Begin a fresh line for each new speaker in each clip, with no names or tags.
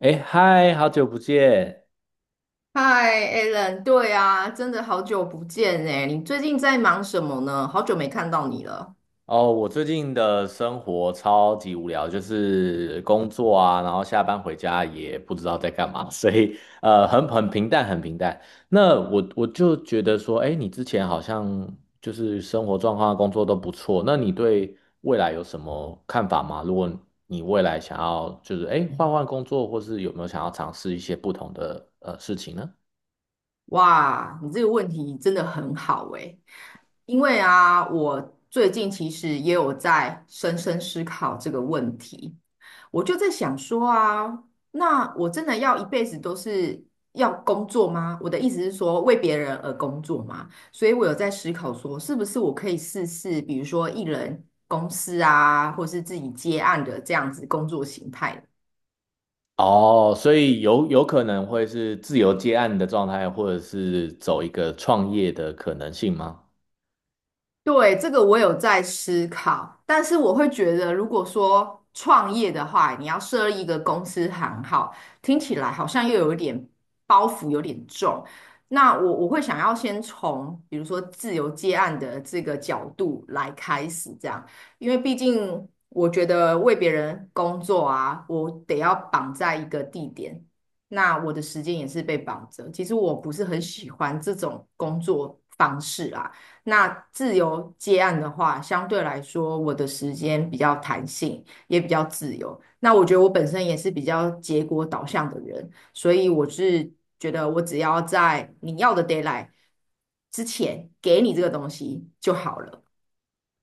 哎，嗨，好久不见！
嗨，Alan，对啊，真的好久不见哎，你最近在忙什么呢？好久没看到你了。
哦，我最近的生活超级无聊，就是工作啊，然后下班回家也不知道在干嘛，所以很平淡，很平淡。那我就觉得说，哎，你之前好像就是生活状况啊、工作都不错，那你对未来有什么看法吗？如果你未来想要就是哎换换工作，或是有没有想要尝试一些不同的事情呢？
哇，你这个问题真的很好诶，因为啊，我最近其实也有在深深思考这个问题，我就在想说啊，那我真的要一辈子都是要工作吗？我的意思是说为别人而工作吗？所以我有在思考说，是不是我可以试试，比如说艺人公司啊，或是自己接案的这样子工作形态呢？
哦，所以有可能会是自由接案的状态，或者是走一个创业的可能性吗？
对，这个我有在思考，但是我会觉得，如果说创业的话，你要设立一个公司行号，听起来好像又有一点包袱，有点重。那我会想要先从比如说自由接案的这个角度来开始，这样，因为毕竟我觉得为别人工作啊，我得要绑在一个地点，那我的时间也是被绑着。其实我不是很喜欢这种工作方式啦。那自由接案的话，相对来说我的时间比较弹性，也比较自由。那我觉得我本身也是比较结果导向的人，所以我是觉得我只要在你要的 deadline 之前给你这个东西就好了。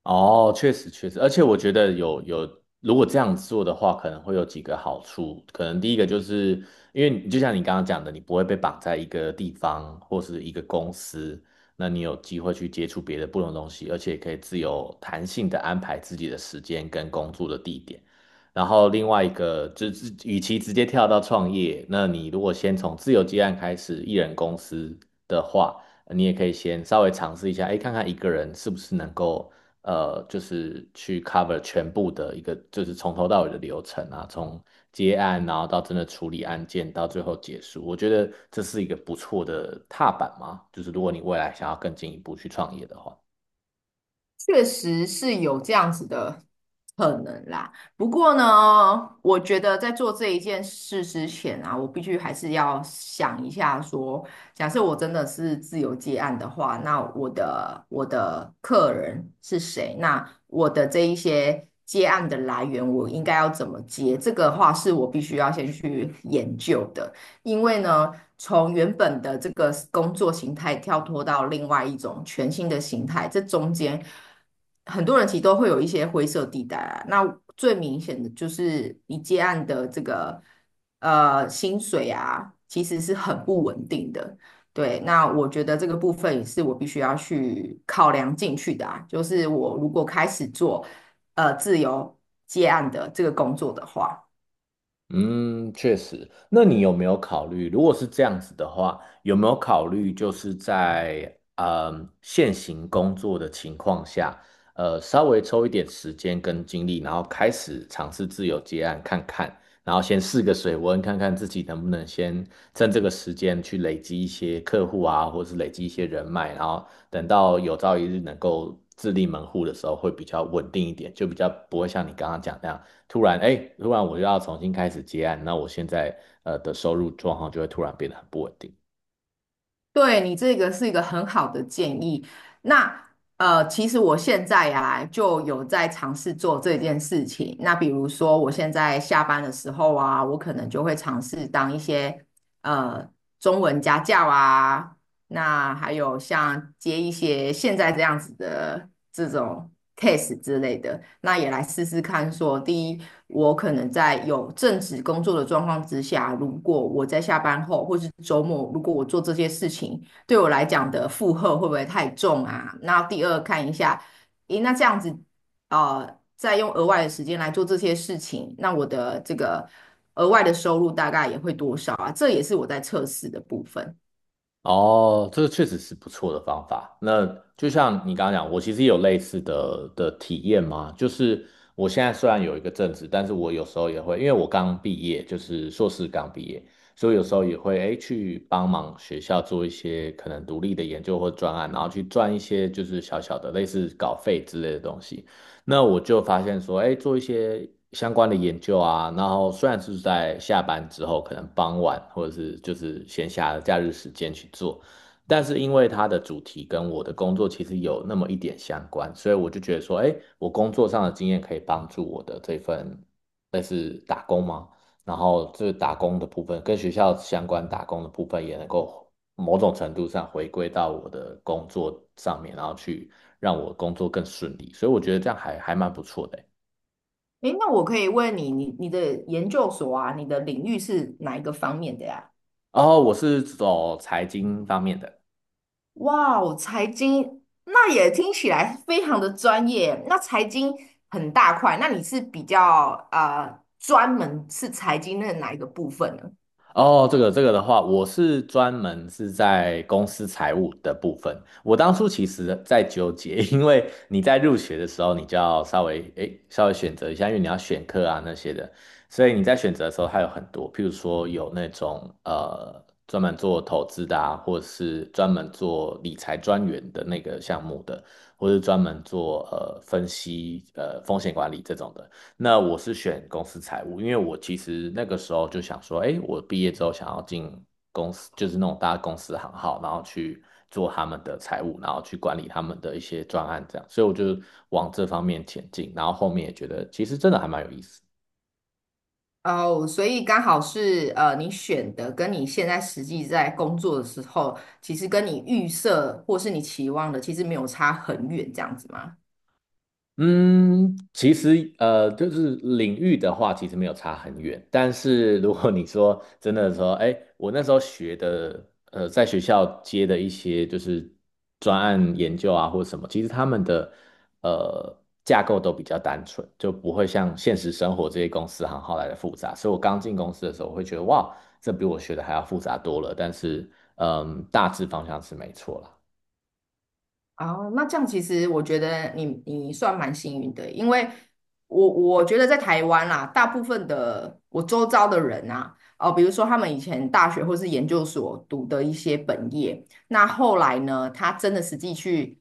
哦，确实确实，而且我觉得如果这样做的话，可能会有几个好处。可能第一个就是，因为你就像你刚刚讲的，你不会被绑在一个地方或是一个公司，那你有机会去接触别的不同的东西，而且可以自由弹性的安排自己的时间跟工作的地点。然后另外一个就是，与其直接跳到创业，那你如果先从自由接案开始，一人公司的话。你也可以先稍微尝试一下，哎，看看一个人是不是能够就是去 cover 全部的一个，就是从头到尾的流程啊，从接案，然后到真的处理案件，到最后结束。我觉得这是一个不错的踏板嘛，就是如果你未来想要更进一步去创业的话。
确实是有这样子的可能啦。不过呢，我觉得在做这一件事之前啊，我必须还是要想一下说，假设我真的是自由接案的话，那我的客人是谁？那我的这一些接案的来源，我应该要怎么接？这个话是我必须要先去研究的。因为呢，从原本的这个工作形态跳脱到另外一种全新的形态，这中间很多人其实都会有一些灰色地带啊。那最明显的就是你接案的这个薪水啊，其实是很不稳定的。对，那我觉得这个部分也是我必须要去考量进去的啊。就是我如果开始做自由接案的这个工作的话。
嗯，确实。那你有没有考虑，如果是这样子的话，有没有考虑就是在嗯现行工作的情况下，稍微抽一点时间跟精力，然后开始尝试自由接案看看，然后先试个水温，看看自己能不能先趁这个时间去累积一些客户啊，或是累积一些人脉，然后等到有朝一日能够自立门户的时候，会比较稳定一点，就比较不会像你刚刚讲那样。突然，哎，突然我就要重新开始接案，那我现在的收入状况就会突然变得很不稳定。
对，你这个是一个很好的建议。那其实我现在呀、就有在尝试做这件事情。那比如说，我现在下班的时候啊，我可能就会尝试当一些呃中文家教啊，那还有像接一些现在这样子的这种 case 之类的，那也来试试看说，第一，我可能在有正职工作的状况之下，如果我在下班后或是周末，如果我做这些事情，对我来讲的负荷会不会太重啊？那第二，看一下，咦，那这样子，呃，再用额外的时间来做这些事情，那我的这个额外的收入大概也会多少啊？这也是我在测试的部分。
哦，这个确实是不错的方法。那就像你刚刚讲，我其实也有类似的体验嘛，就是我现在虽然有一个正职，但是我有时候也会，因为我刚毕业，就是硕士刚毕业，所以有时候也会哎去帮忙学校做一些可能独立的研究或专案，然后去赚一些就是小小的类似稿费之类的东西。那我就发现说，哎，做一些相关的研究啊，然后虽然是在下班之后，可能傍晚或者是就是闲暇的假日时间去做，但是因为它的主题跟我的工作其实有那么一点相关，所以我就觉得说，哎，我工作上的经验可以帮助我的这份类似打工吗？然后这打工的部分跟学校相关打工的部分也能够某种程度上回归到我的工作上面，然后去让我工作更顺利，所以我觉得这样还蛮不错的。
诶，那我可以问你，你的研究所啊，你的领域是哪一个方面的呀？
然后我是走财经方面的。
哇哦，财经，那也听起来非常的专业。那财经很大块，那你是比较专门是财经的哪一个部分呢？
哦，这个这个的话，我是专门是在公司财务的部分。我当初其实在纠结，因为你在入学的时候，你就要稍微稍微选择一下，因为你要选课啊那些的，所以你在选择的时候，还有很多，譬如说有那种专门做投资的啊，或者是专门做理财专员的那个项目的，或是专门做分析风险管理这种的。那我是选公司财务，因为我其实那个时候就想说，哎，我毕业之后想要进公司，就是那种大公司行号，然后去做他们的财务，然后去管理他们的一些专案这样，所以我就往这方面前进，然后后面也觉得其实真的还蛮有意思。
哦，所以刚好是你选的跟你现在实际在工作的时候，其实跟你预设或是你期望的，其实没有差很远，这样子吗？
嗯，其实就是领域的话，其实没有差很远。但是如果你说真的说，哎，我那时候学的，在学校接的一些就是专案研究啊，或者什么，其实他们的呃架构都比较单纯，就不会像现实生活这些公司行号来的复杂。所以我刚进公司的时候，我会觉得哇，这比我学的还要复杂多了。但是，嗯，大致方向是没错啦。
哦，那这样其实我觉得你算蛮幸运的，因为我觉得在台湾啦，大部分的我周遭的人啊，哦、比如说他们以前大学或是研究所读的一些本业，那后来呢，他真的实际去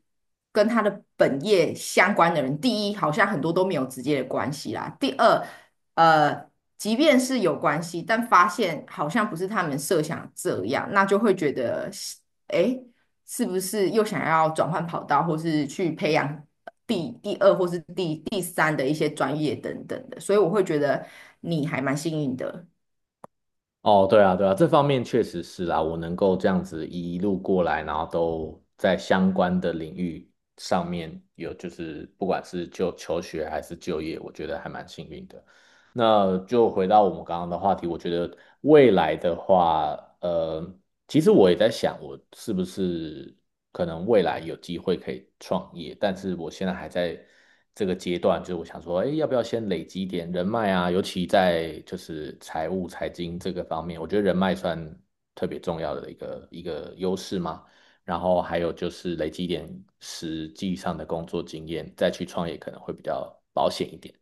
跟他的本业相关的人，第一，好像很多都没有直接的关系啦；第二，呃，即便是有关系，但发现好像不是他们设想这样，那就会觉得，诶。是不是又想要转换跑道，或是去培养第二或是第三的一些专业等等的，所以我会觉得你还蛮幸运的。
哦，对啊，对啊，这方面确实是啦，我能够这样子一路过来，然后都在相关的领域上面有，就是不管是就求学还是就业，我觉得还蛮幸运的。那就回到我们刚刚的话题，我觉得未来的话，其实我也在想，我是不是可能未来有机会可以创业，但是我现在还在这个阶段，就是我想说，哎，要不要先累积一点人脉啊？尤其在就是财务、财经这个方面，我觉得人脉算特别重要的一个优势嘛。然后还有就是累积一点实际上的工作经验，再去创业可能会比较保险一点。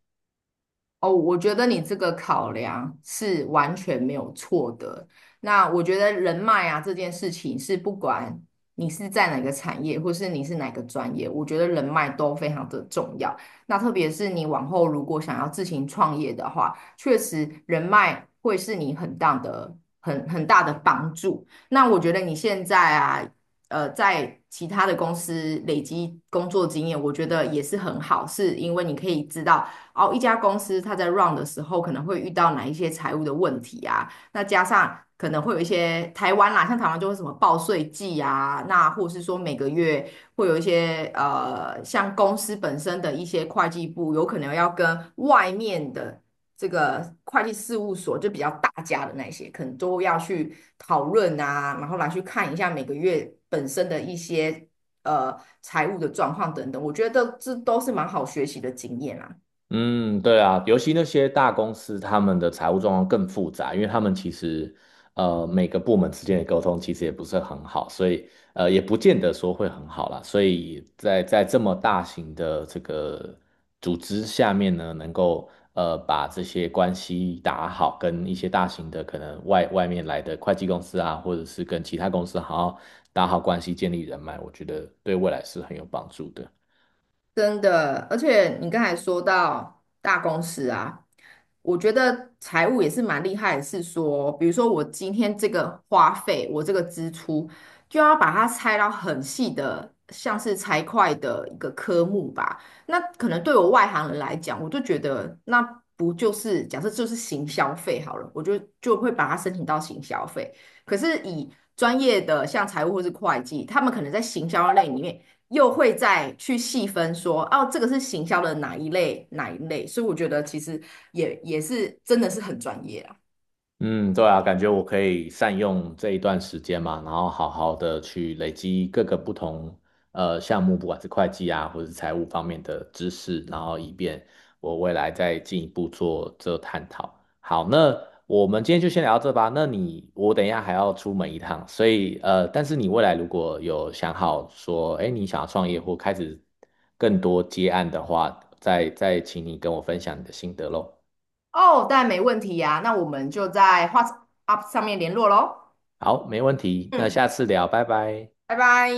哦，我觉得你这个考量是完全没有错的。那我觉得人脉啊这件事情是不管你是在哪个产业，或是你是哪个专业，我觉得人脉都非常的重要。那特别是你往后如果想要自行创业的话，确实人脉会是你很大的、很大的帮助。那我觉得你现在啊。在其他的公司累积工作经验，我觉得也是很好，是因为你可以知道哦，一家公司它在 run 的时候可能会遇到哪一些财务的问题啊？那加上可能会有一些台湾啦，像台湾就会什么报税季啊，那或是说每个月会有一些像公司本身的一些会计部有可能要跟外面的这个会计事务所，就比较大家的那些，可能都要去讨论啊，然后来去看一下每个月本身的一些呃财务的状况等等。我觉得这都是蛮好学习的经验啦。
嗯，对啊，尤其那些大公司，他们的财务状况更复杂，因为他们其实每个部门之间的沟通其实也不是很好，所以也不见得说会很好啦。所以在这么大型的这个组织下面呢，能够把这些关系打好，跟一些大型的可能外面来的会计公司啊，或者是跟其他公司好好打好关系，建立人脉，我觉得对未来是很有帮助的。
真的，而且你刚才说到大公司啊，我觉得财务也是蛮厉害的，是说，比如说我今天这个花费，我这个支出，就要把它拆到很细的，像是财会的一个科目吧。那可能对我外行人来讲，我就觉得那不就是假设就是行消费好了，我就会把它申请到行消费。可是以专业的像财务或是会计，他们可能在行销类里面。又会再去细分说，哦，这个是行销的哪一类哪一类，所以我觉得其实也是真的是很专业啊。
嗯，对啊，感觉我可以善用这一段时间嘛，然后好好的去累积各个不同项目，不管是会计啊，或者是财务方面的知识，然后以便我未来再进一步做这探讨。好，那我们今天就先聊到这吧。那你我等一下还要出门一趟，所以呃，但是你未来如果有想好说，哎，你想要创业或开始更多接案的话，再请你跟我分享你的心得喽。
哦，当然没问题呀、那我们就在 WhatsApp 上面联络喽。
好，没问题，那
嗯，
下次聊，拜拜。
拜拜。